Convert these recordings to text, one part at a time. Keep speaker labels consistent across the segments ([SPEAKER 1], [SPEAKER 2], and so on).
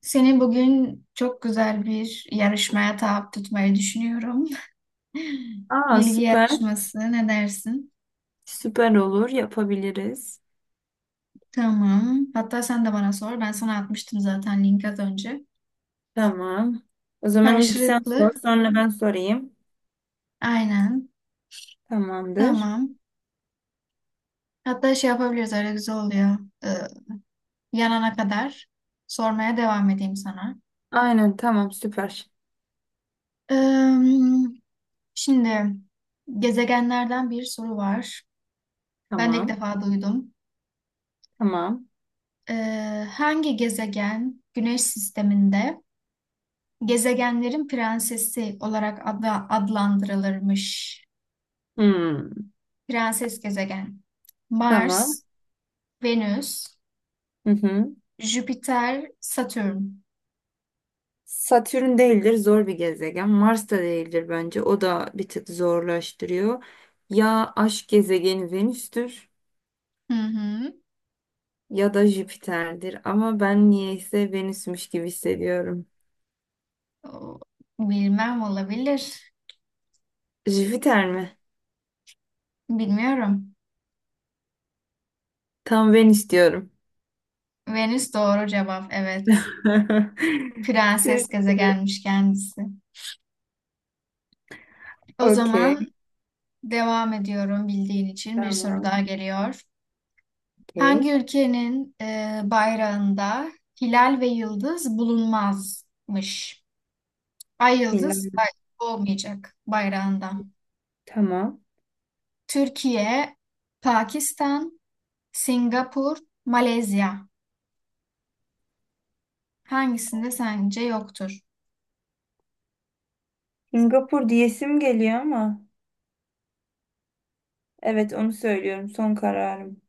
[SPEAKER 1] Seni bugün çok güzel bir yarışmaya tabi tutmayı düşünüyorum.
[SPEAKER 2] Aa,
[SPEAKER 1] Bilgi
[SPEAKER 2] süper.
[SPEAKER 1] yarışması ne dersin?
[SPEAKER 2] Süper olur. Yapabiliriz.
[SPEAKER 1] Tamam. Hatta sen de bana sor. Ben sana atmıştım zaten link az önce.
[SPEAKER 2] Tamam. O zaman ilk sen
[SPEAKER 1] Karşılıklı.
[SPEAKER 2] sor, sonra ben sorayım.
[SPEAKER 1] Aynen.
[SPEAKER 2] Tamamdır.
[SPEAKER 1] Tamam. Hatta şey yapabiliriz, öyle güzel oluyor. Ee, yanana kadar sormaya devam edeyim sana.
[SPEAKER 2] Aynen, tamam, süper.
[SPEAKER 1] Ee, şimdi gezegenlerden bir soru var. Ben de ilk
[SPEAKER 2] Tamam.
[SPEAKER 1] defa duydum.
[SPEAKER 2] Tamam.
[SPEAKER 1] Hangi gezegen Güneş sisteminde gezegenlerin prensesi olarak adlandırılırmış.
[SPEAKER 2] Hmm,
[SPEAKER 1] Prenses gezegen.
[SPEAKER 2] tamam.
[SPEAKER 1] Mars, Venüs,
[SPEAKER 2] Hı hı.
[SPEAKER 1] Jüpiter, Satürn.
[SPEAKER 2] Satürn değildir, zor bir gezegen. Mars da değildir bence. O da bir tık zorlaştırıyor. Ya aşk gezegeni Venüs'tür
[SPEAKER 1] Hı hı.
[SPEAKER 2] ya da Jüpiter'dir. Ama ben niyeyse Venüs'müş gibi hissediyorum.
[SPEAKER 1] O- Bilmem, olabilir.
[SPEAKER 2] Jüpiter mi?
[SPEAKER 1] Bilmiyorum.
[SPEAKER 2] Tam Venüs diyorum.
[SPEAKER 1] Venüs doğru cevap. Evet.
[SPEAKER 2] Süper.
[SPEAKER 1] Prenses gezegenmiş kendisi. O
[SPEAKER 2] Okey.
[SPEAKER 1] zaman devam ediyorum bildiğin için. Bir soru
[SPEAKER 2] Tamam.
[SPEAKER 1] daha geliyor.
[SPEAKER 2] Okey.
[SPEAKER 1] Hangi ülkenin bayrağında hilal ve yıldız bulunmazmış? Ay yıldız
[SPEAKER 2] Milan.
[SPEAKER 1] olmayacak bayrağında.
[SPEAKER 2] Tamam.
[SPEAKER 1] Türkiye, Pakistan, Singapur, Malezya. Hangisinde sence yoktur?
[SPEAKER 2] Singapur diyesim geliyor ama. Evet, onu söylüyorum. Son kararım.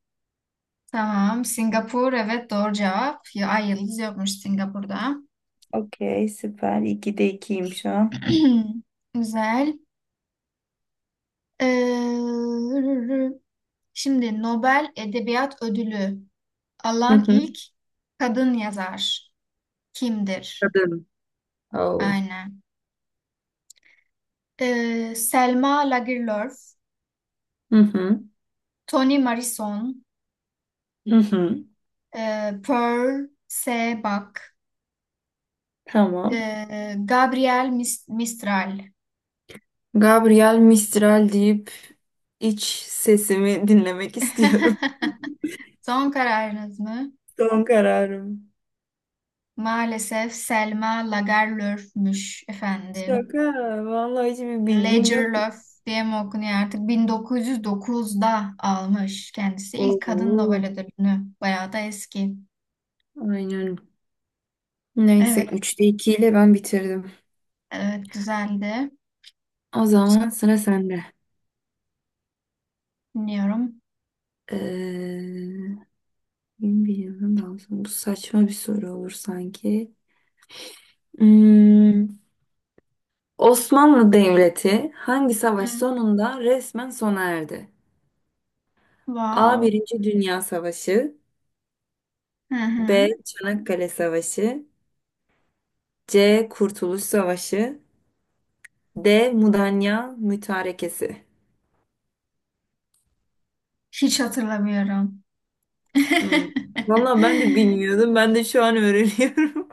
[SPEAKER 1] Tamam, Singapur, evet, doğru cevap. Ya, ay yıldız yokmuş Singapur'da.
[SPEAKER 2] Okey. Süper. İkide ikiyim şu an.
[SPEAKER 1] Güzel. Ee, şimdi Nobel Edebiyat Ödülü
[SPEAKER 2] Hı
[SPEAKER 1] alan
[SPEAKER 2] hı.
[SPEAKER 1] ilk kadın yazar kimdir?
[SPEAKER 2] Kadın. Oh.
[SPEAKER 1] Aynen. Selma Lagerlöf,
[SPEAKER 2] Hı hı.
[SPEAKER 1] Toni Morrison,
[SPEAKER 2] Hı hı.
[SPEAKER 1] Pearl Sebak,
[SPEAKER 2] Tamam.
[SPEAKER 1] Gabriel Mistral.
[SPEAKER 2] Gabriel Mistral deyip iç sesimi dinlemek istiyorum.
[SPEAKER 1] Son kararınız mı?
[SPEAKER 2] Son kararım.
[SPEAKER 1] Maalesef Selma Lagerlöf'müş efendim.
[SPEAKER 2] Şaka. Vallahi hiçbir bilgim yok.
[SPEAKER 1] Lagerlöf diye mi okunuyor artık? 1909'da almış kendisi ilk kadın Nobel
[SPEAKER 2] Oo.
[SPEAKER 1] ödülünü. Bayağı da eski.
[SPEAKER 2] Aynen.
[SPEAKER 1] Evet,
[SPEAKER 2] Neyse üçte 2 ile ben bitirdim.
[SPEAKER 1] evet, güzeldi.
[SPEAKER 2] O zaman sıra sende.
[SPEAKER 1] Dinliyorum.
[SPEAKER 2] Ee, 21 yıldan daha sonra. Bu saçma bir soru olur sanki. Hmm, Osmanlı Devleti hangi savaş
[SPEAKER 1] Hı.
[SPEAKER 2] sonunda resmen sona erdi? A.
[SPEAKER 1] Wow.
[SPEAKER 2] Birinci Dünya Savaşı,
[SPEAKER 1] Hı
[SPEAKER 2] B.
[SPEAKER 1] hı.
[SPEAKER 2] Çanakkale Savaşı, C. Kurtuluş Savaşı, D. Mudanya Mütarekesi.
[SPEAKER 1] Hiç hatırlamıyorum.
[SPEAKER 2] Hmm. Valla ben de bilmiyordum. Ben de şu an öğreniyorum.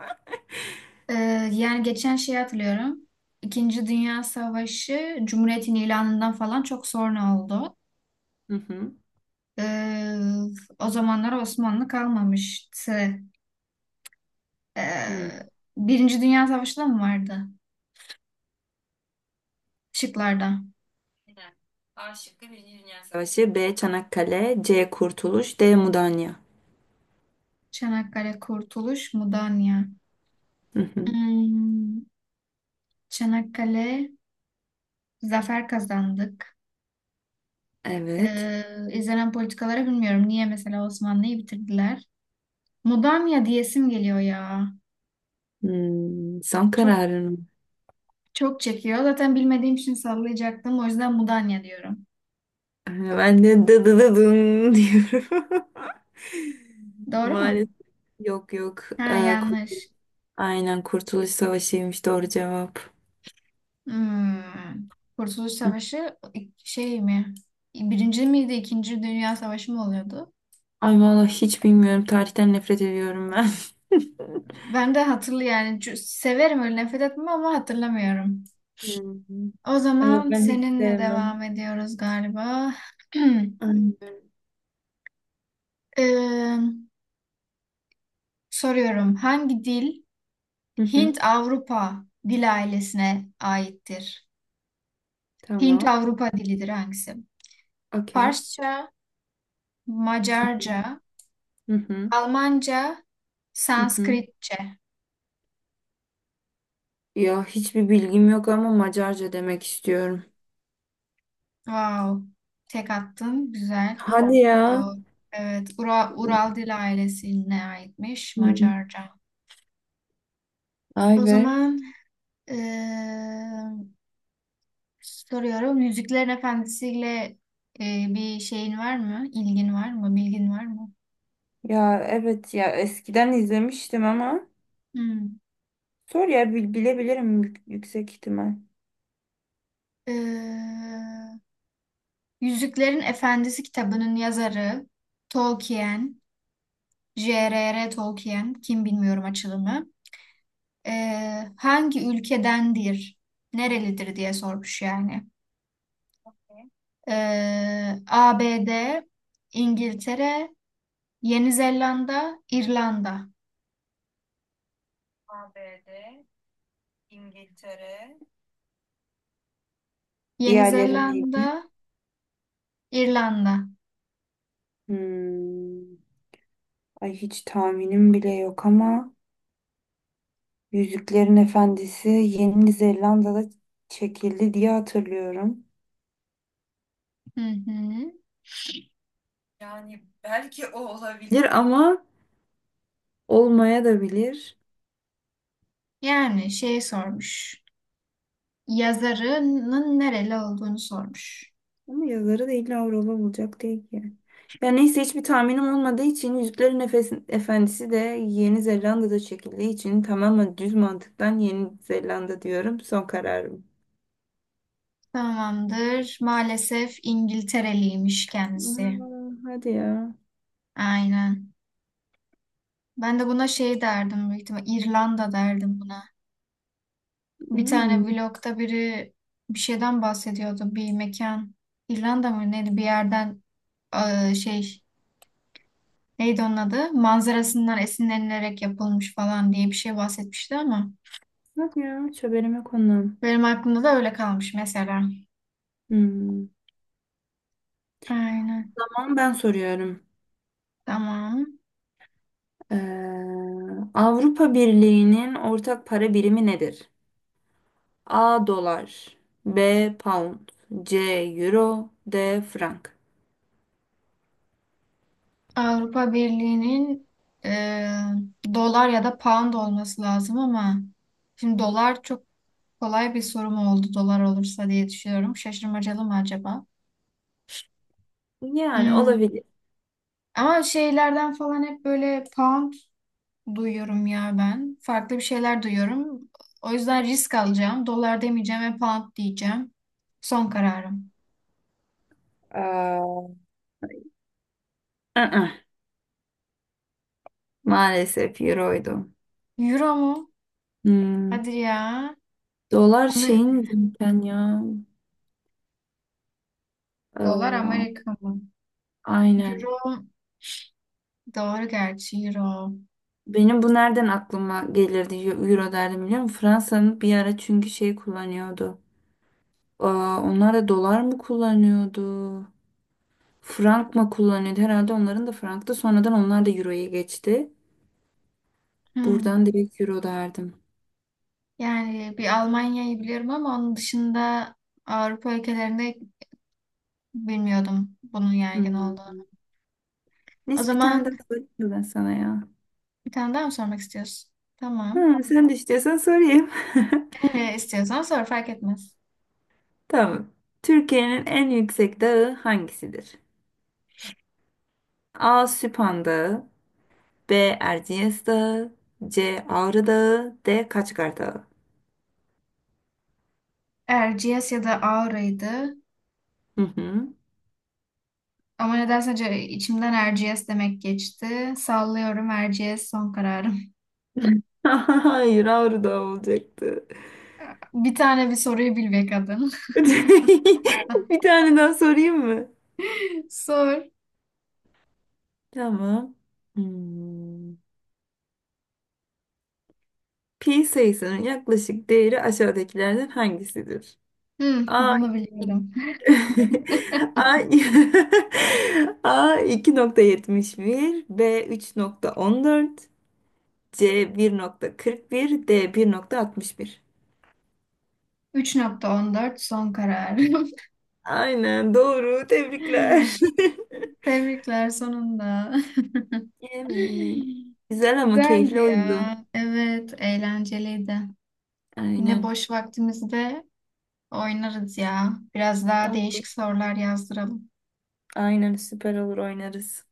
[SPEAKER 1] Ee, yani geçen şeyi hatırlıyorum. İkinci Dünya Savaşı Cumhuriyet'in ilanından falan çok sonra oldu.
[SPEAKER 2] Hı hı.
[SPEAKER 1] Ee, o zamanlar Osmanlı kalmamıştı.
[SPEAKER 2] Hı.
[SPEAKER 1] Ee, Birinci Dünya Savaşı da mı vardı şıklarda?
[SPEAKER 2] Aynen. A şıkkı Birinci Dünya Savaşı. B. Çanakkale, C. Kurtuluş, D. Mudanya.
[SPEAKER 1] Çanakkale, Kurtuluş, Mudanya.
[SPEAKER 2] Hı hı.
[SPEAKER 1] Hmm, Çanakkale, zafer kazandık.
[SPEAKER 2] Evet.
[SPEAKER 1] İzlenen politikaları bilmiyorum. Niye mesela Osmanlı'yı bitirdiler? Mudanya diyesim geliyor ya.
[SPEAKER 2] Son
[SPEAKER 1] Çok
[SPEAKER 2] kararın. Mı?
[SPEAKER 1] Çok çekiyor. Zaten bilmediğim için sallayacaktım. O yüzden Mudanya diyorum.
[SPEAKER 2] Ben de dı dı dı dın diyorum.
[SPEAKER 1] Doğru mu?
[SPEAKER 2] Maalesef. Yok, yok.
[SPEAKER 1] Ha,
[SPEAKER 2] Ee, kur-
[SPEAKER 1] yanlış.
[SPEAKER 2] aynen, Kurtuluş Savaşı'ymış doğru cevap.
[SPEAKER 1] Hmm. Kurtuluş
[SPEAKER 2] Hı.
[SPEAKER 1] Savaşı şey mi? Birinci miydi? İkinci Dünya Savaşı mı oluyordu?
[SPEAKER 2] Ay vallahi hiç bilmiyorum. Tarihten nefret ediyorum ben.
[SPEAKER 1] Ben de hatırlı yani severim, öyle nefret etmem ama hatırlamıyorum.
[SPEAKER 2] Hmm.
[SPEAKER 1] O
[SPEAKER 2] Ay yok,
[SPEAKER 1] zaman
[SPEAKER 2] ben hiç
[SPEAKER 1] seninle
[SPEAKER 2] sevmem.
[SPEAKER 1] devam ediyoruz galiba.
[SPEAKER 2] Aynen.
[SPEAKER 1] Ee, soruyorum. Hangi dil
[SPEAKER 2] Hı hı.
[SPEAKER 1] Hint-Avrupa dil ailesine aittir?
[SPEAKER 2] Tamam.
[SPEAKER 1] Hint-Avrupa dilidir hangisi?
[SPEAKER 2] Okey.
[SPEAKER 1] Farsça, Macarca,
[SPEAKER 2] Hı hı.
[SPEAKER 1] Almanca,
[SPEAKER 2] Hı hı.
[SPEAKER 1] Sanskritçe.
[SPEAKER 2] Ya hiçbir bilgim yok ama Macarca demek istiyorum.
[SPEAKER 1] Wow. Tek attın. Güzel.
[SPEAKER 2] Hadi ya.
[SPEAKER 1] Doğru. Evet. Ural Dil ailesine aitmiş
[SPEAKER 2] Hmm.
[SPEAKER 1] Macarca.
[SPEAKER 2] Ay
[SPEAKER 1] O
[SPEAKER 2] be.
[SPEAKER 1] zaman eee, soruyorum. Yüzüklerin Efendisi'yle bir şeyin var mı? İlgin var mı? Bilgin var mı?
[SPEAKER 2] Ya evet, ya eskiden izlemiştim ama
[SPEAKER 1] Hmm.
[SPEAKER 2] sor ya bilebilirim yüksek ihtimal.
[SPEAKER 1] Eee, Yüzüklerin Efendisi kitabının yazarı Tolkien J.R.R. Tolkien, kim bilmiyorum açılımı. Hangi ülkedendir, nerelidir diye sormuş yani. ABD, İngiltere, Yeni Zelanda, İrlanda.
[SPEAKER 2] ABD, İngiltere.
[SPEAKER 1] Yeni
[SPEAKER 2] Diğerleri neydi?
[SPEAKER 1] Zelanda, İrlanda.
[SPEAKER 2] Hmm. Ay hiç tahminim bile yok ama Yüzüklerin Efendisi Yeni Zelanda'da çekildi diye hatırlıyorum.
[SPEAKER 1] Hı hı.
[SPEAKER 2] Yani belki o olabilir, ama olmaya da bilir.
[SPEAKER 1] Yani şey sormuş, yazarının nereli olduğunu sormuş.
[SPEAKER 2] Ama yazarı da illa Avrupa bulacak değil ki. Ya neyse, hiçbir tahminim olmadığı için Yüzüklerin Efendisi de Yeni Zelanda'da çekildiği için tamamen düz mantıktan Yeni Zelanda diyorum. Son kararım.
[SPEAKER 1] Tamamdır. Maalesef İngiltereliymiş kendisi.
[SPEAKER 2] Aa, hadi ya.
[SPEAKER 1] Aynen. Ben de buna şey derdim büyük ihtimal. İrlanda derdim buna. Bir tane
[SPEAKER 2] Hmm.
[SPEAKER 1] vlogda biri bir şeyden bahsediyordu. Bir mekan. İrlanda mı neydi? Bir yerden şey, neydi onun adı, manzarasından esinlenilerek yapılmış falan diye bir şey bahsetmişti ama
[SPEAKER 2] Bak ya, hiç haberime konu.
[SPEAKER 1] benim aklımda da öyle kalmış mesela.
[SPEAKER 2] Hmm.
[SPEAKER 1] Aynen.
[SPEAKER 2] Tamam, ben soruyorum.
[SPEAKER 1] Tamam.
[SPEAKER 2] Ee, Avrupa Birliği'nin ortak para birimi nedir? A dolar, B pound, C euro, D frank.
[SPEAKER 1] Avrupa Birliği'nin eee, dolar ya da pound olması lazım ama şimdi dolar çok kolay bir sorum oldu dolar olursa diye düşünüyorum. Şaşırmacalı mı acaba?
[SPEAKER 2] Yani
[SPEAKER 1] Hmm.
[SPEAKER 2] olabilir.
[SPEAKER 1] Ama şeylerden falan hep böyle pound duyuyorum ya ben. Farklı bir şeyler duyuyorum. O yüzden risk alacağım. Dolar demeyeceğim ve pound diyeceğim. Son kararım.
[SPEAKER 2] Ee, Aa, maalesef euroydu.
[SPEAKER 1] Euro mu?
[SPEAKER 2] Hmm,
[SPEAKER 1] Hadi ya.
[SPEAKER 2] dolar
[SPEAKER 1] Onu,
[SPEAKER 2] şeyin zaten ya.
[SPEAKER 1] dolar
[SPEAKER 2] Ee,
[SPEAKER 1] Amerika mı?
[SPEAKER 2] aynen.
[SPEAKER 1] Euro doğru, gerçi euro.
[SPEAKER 2] Benim bu nereden aklıma gelirdi, euro derdim biliyor musun? Fransa'nın bir ara çünkü şey kullanıyordu. Aa, onlar da dolar mı kullanıyordu? Frank mı kullanıyordu? Herhalde onların da franktı. Sonradan onlar da euroya geçti. Buradan
[SPEAKER 1] Hmm.
[SPEAKER 2] direkt euro derdim.
[SPEAKER 1] Yani bir Almanya'yı biliyorum ama onun dışında Avrupa ülkelerinde bilmiyordum bunun yaygın
[SPEAKER 2] Hmm.
[SPEAKER 1] olduğunu. O
[SPEAKER 2] Neyse, bir tane daha
[SPEAKER 1] zaman
[SPEAKER 2] sorayım mı ben sana ya?
[SPEAKER 1] bir tane daha mı sormak istiyorsun? Tamam.
[SPEAKER 2] Ha, sen de istiyorsan sorayım.
[SPEAKER 1] İstiyorsan sor, fark etmez.
[SPEAKER 2] Tamam. Türkiye'nin en yüksek dağı hangisidir? A. Süphan Dağı, B. Erciyes Dağı, C. Ağrı Dağı, D. Kaçkar Dağı.
[SPEAKER 1] Erciyes ya da Aura'ydı.
[SPEAKER 2] Hı hı.
[SPEAKER 1] Ama nedense içimden Erciyes demek geçti. Sallıyorum, Erciyes son kararım.
[SPEAKER 2] Hayır, Ağrı Dağı olacaktı.
[SPEAKER 1] Bir soruyu bil be kadın.
[SPEAKER 2] Bir tane daha sorayım mı?
[SPEAKER 1] Sor.
[SPEAKER 2] Tamam. Hmm. Pi sayısının yaklaşık değeri aşağıdakilerden hangisidir?
[SPEAKER 1] Hmm,
[SPEAKER 2] A.
[SPEAKER 1] bunu biliyorum.
[SPEAKER 2] A, A 2,71, B 3,14, C 1,41, D 1,61.
[SPEAKER 1] 3.14 son kararım.
[SPEAKER 2] Aynen doğru. Tebrikler.
[SPEAKER 1] Tebrikler sonunda.
[SPEAKER 2] Evet. Güzel ama
[SPEAKER 1] Güzeldi
[SPEAKER 2] keyifli
[SPEAKER 1] ya.
[SPEAKER 2] oyundu.
[SPEAKER 1] Evet, eğlenceliydi. Yine
[SPEAKER 2] Aynen.
[SPEAKER 1] boş vaktimizde oynarız ya. Biraz daha
[SPEAKER 2] Oldu.
[SPEAKER 1] değişik sorular yazdıralım.
[SPEAKER 2] Aynen, süper olur, oynarız.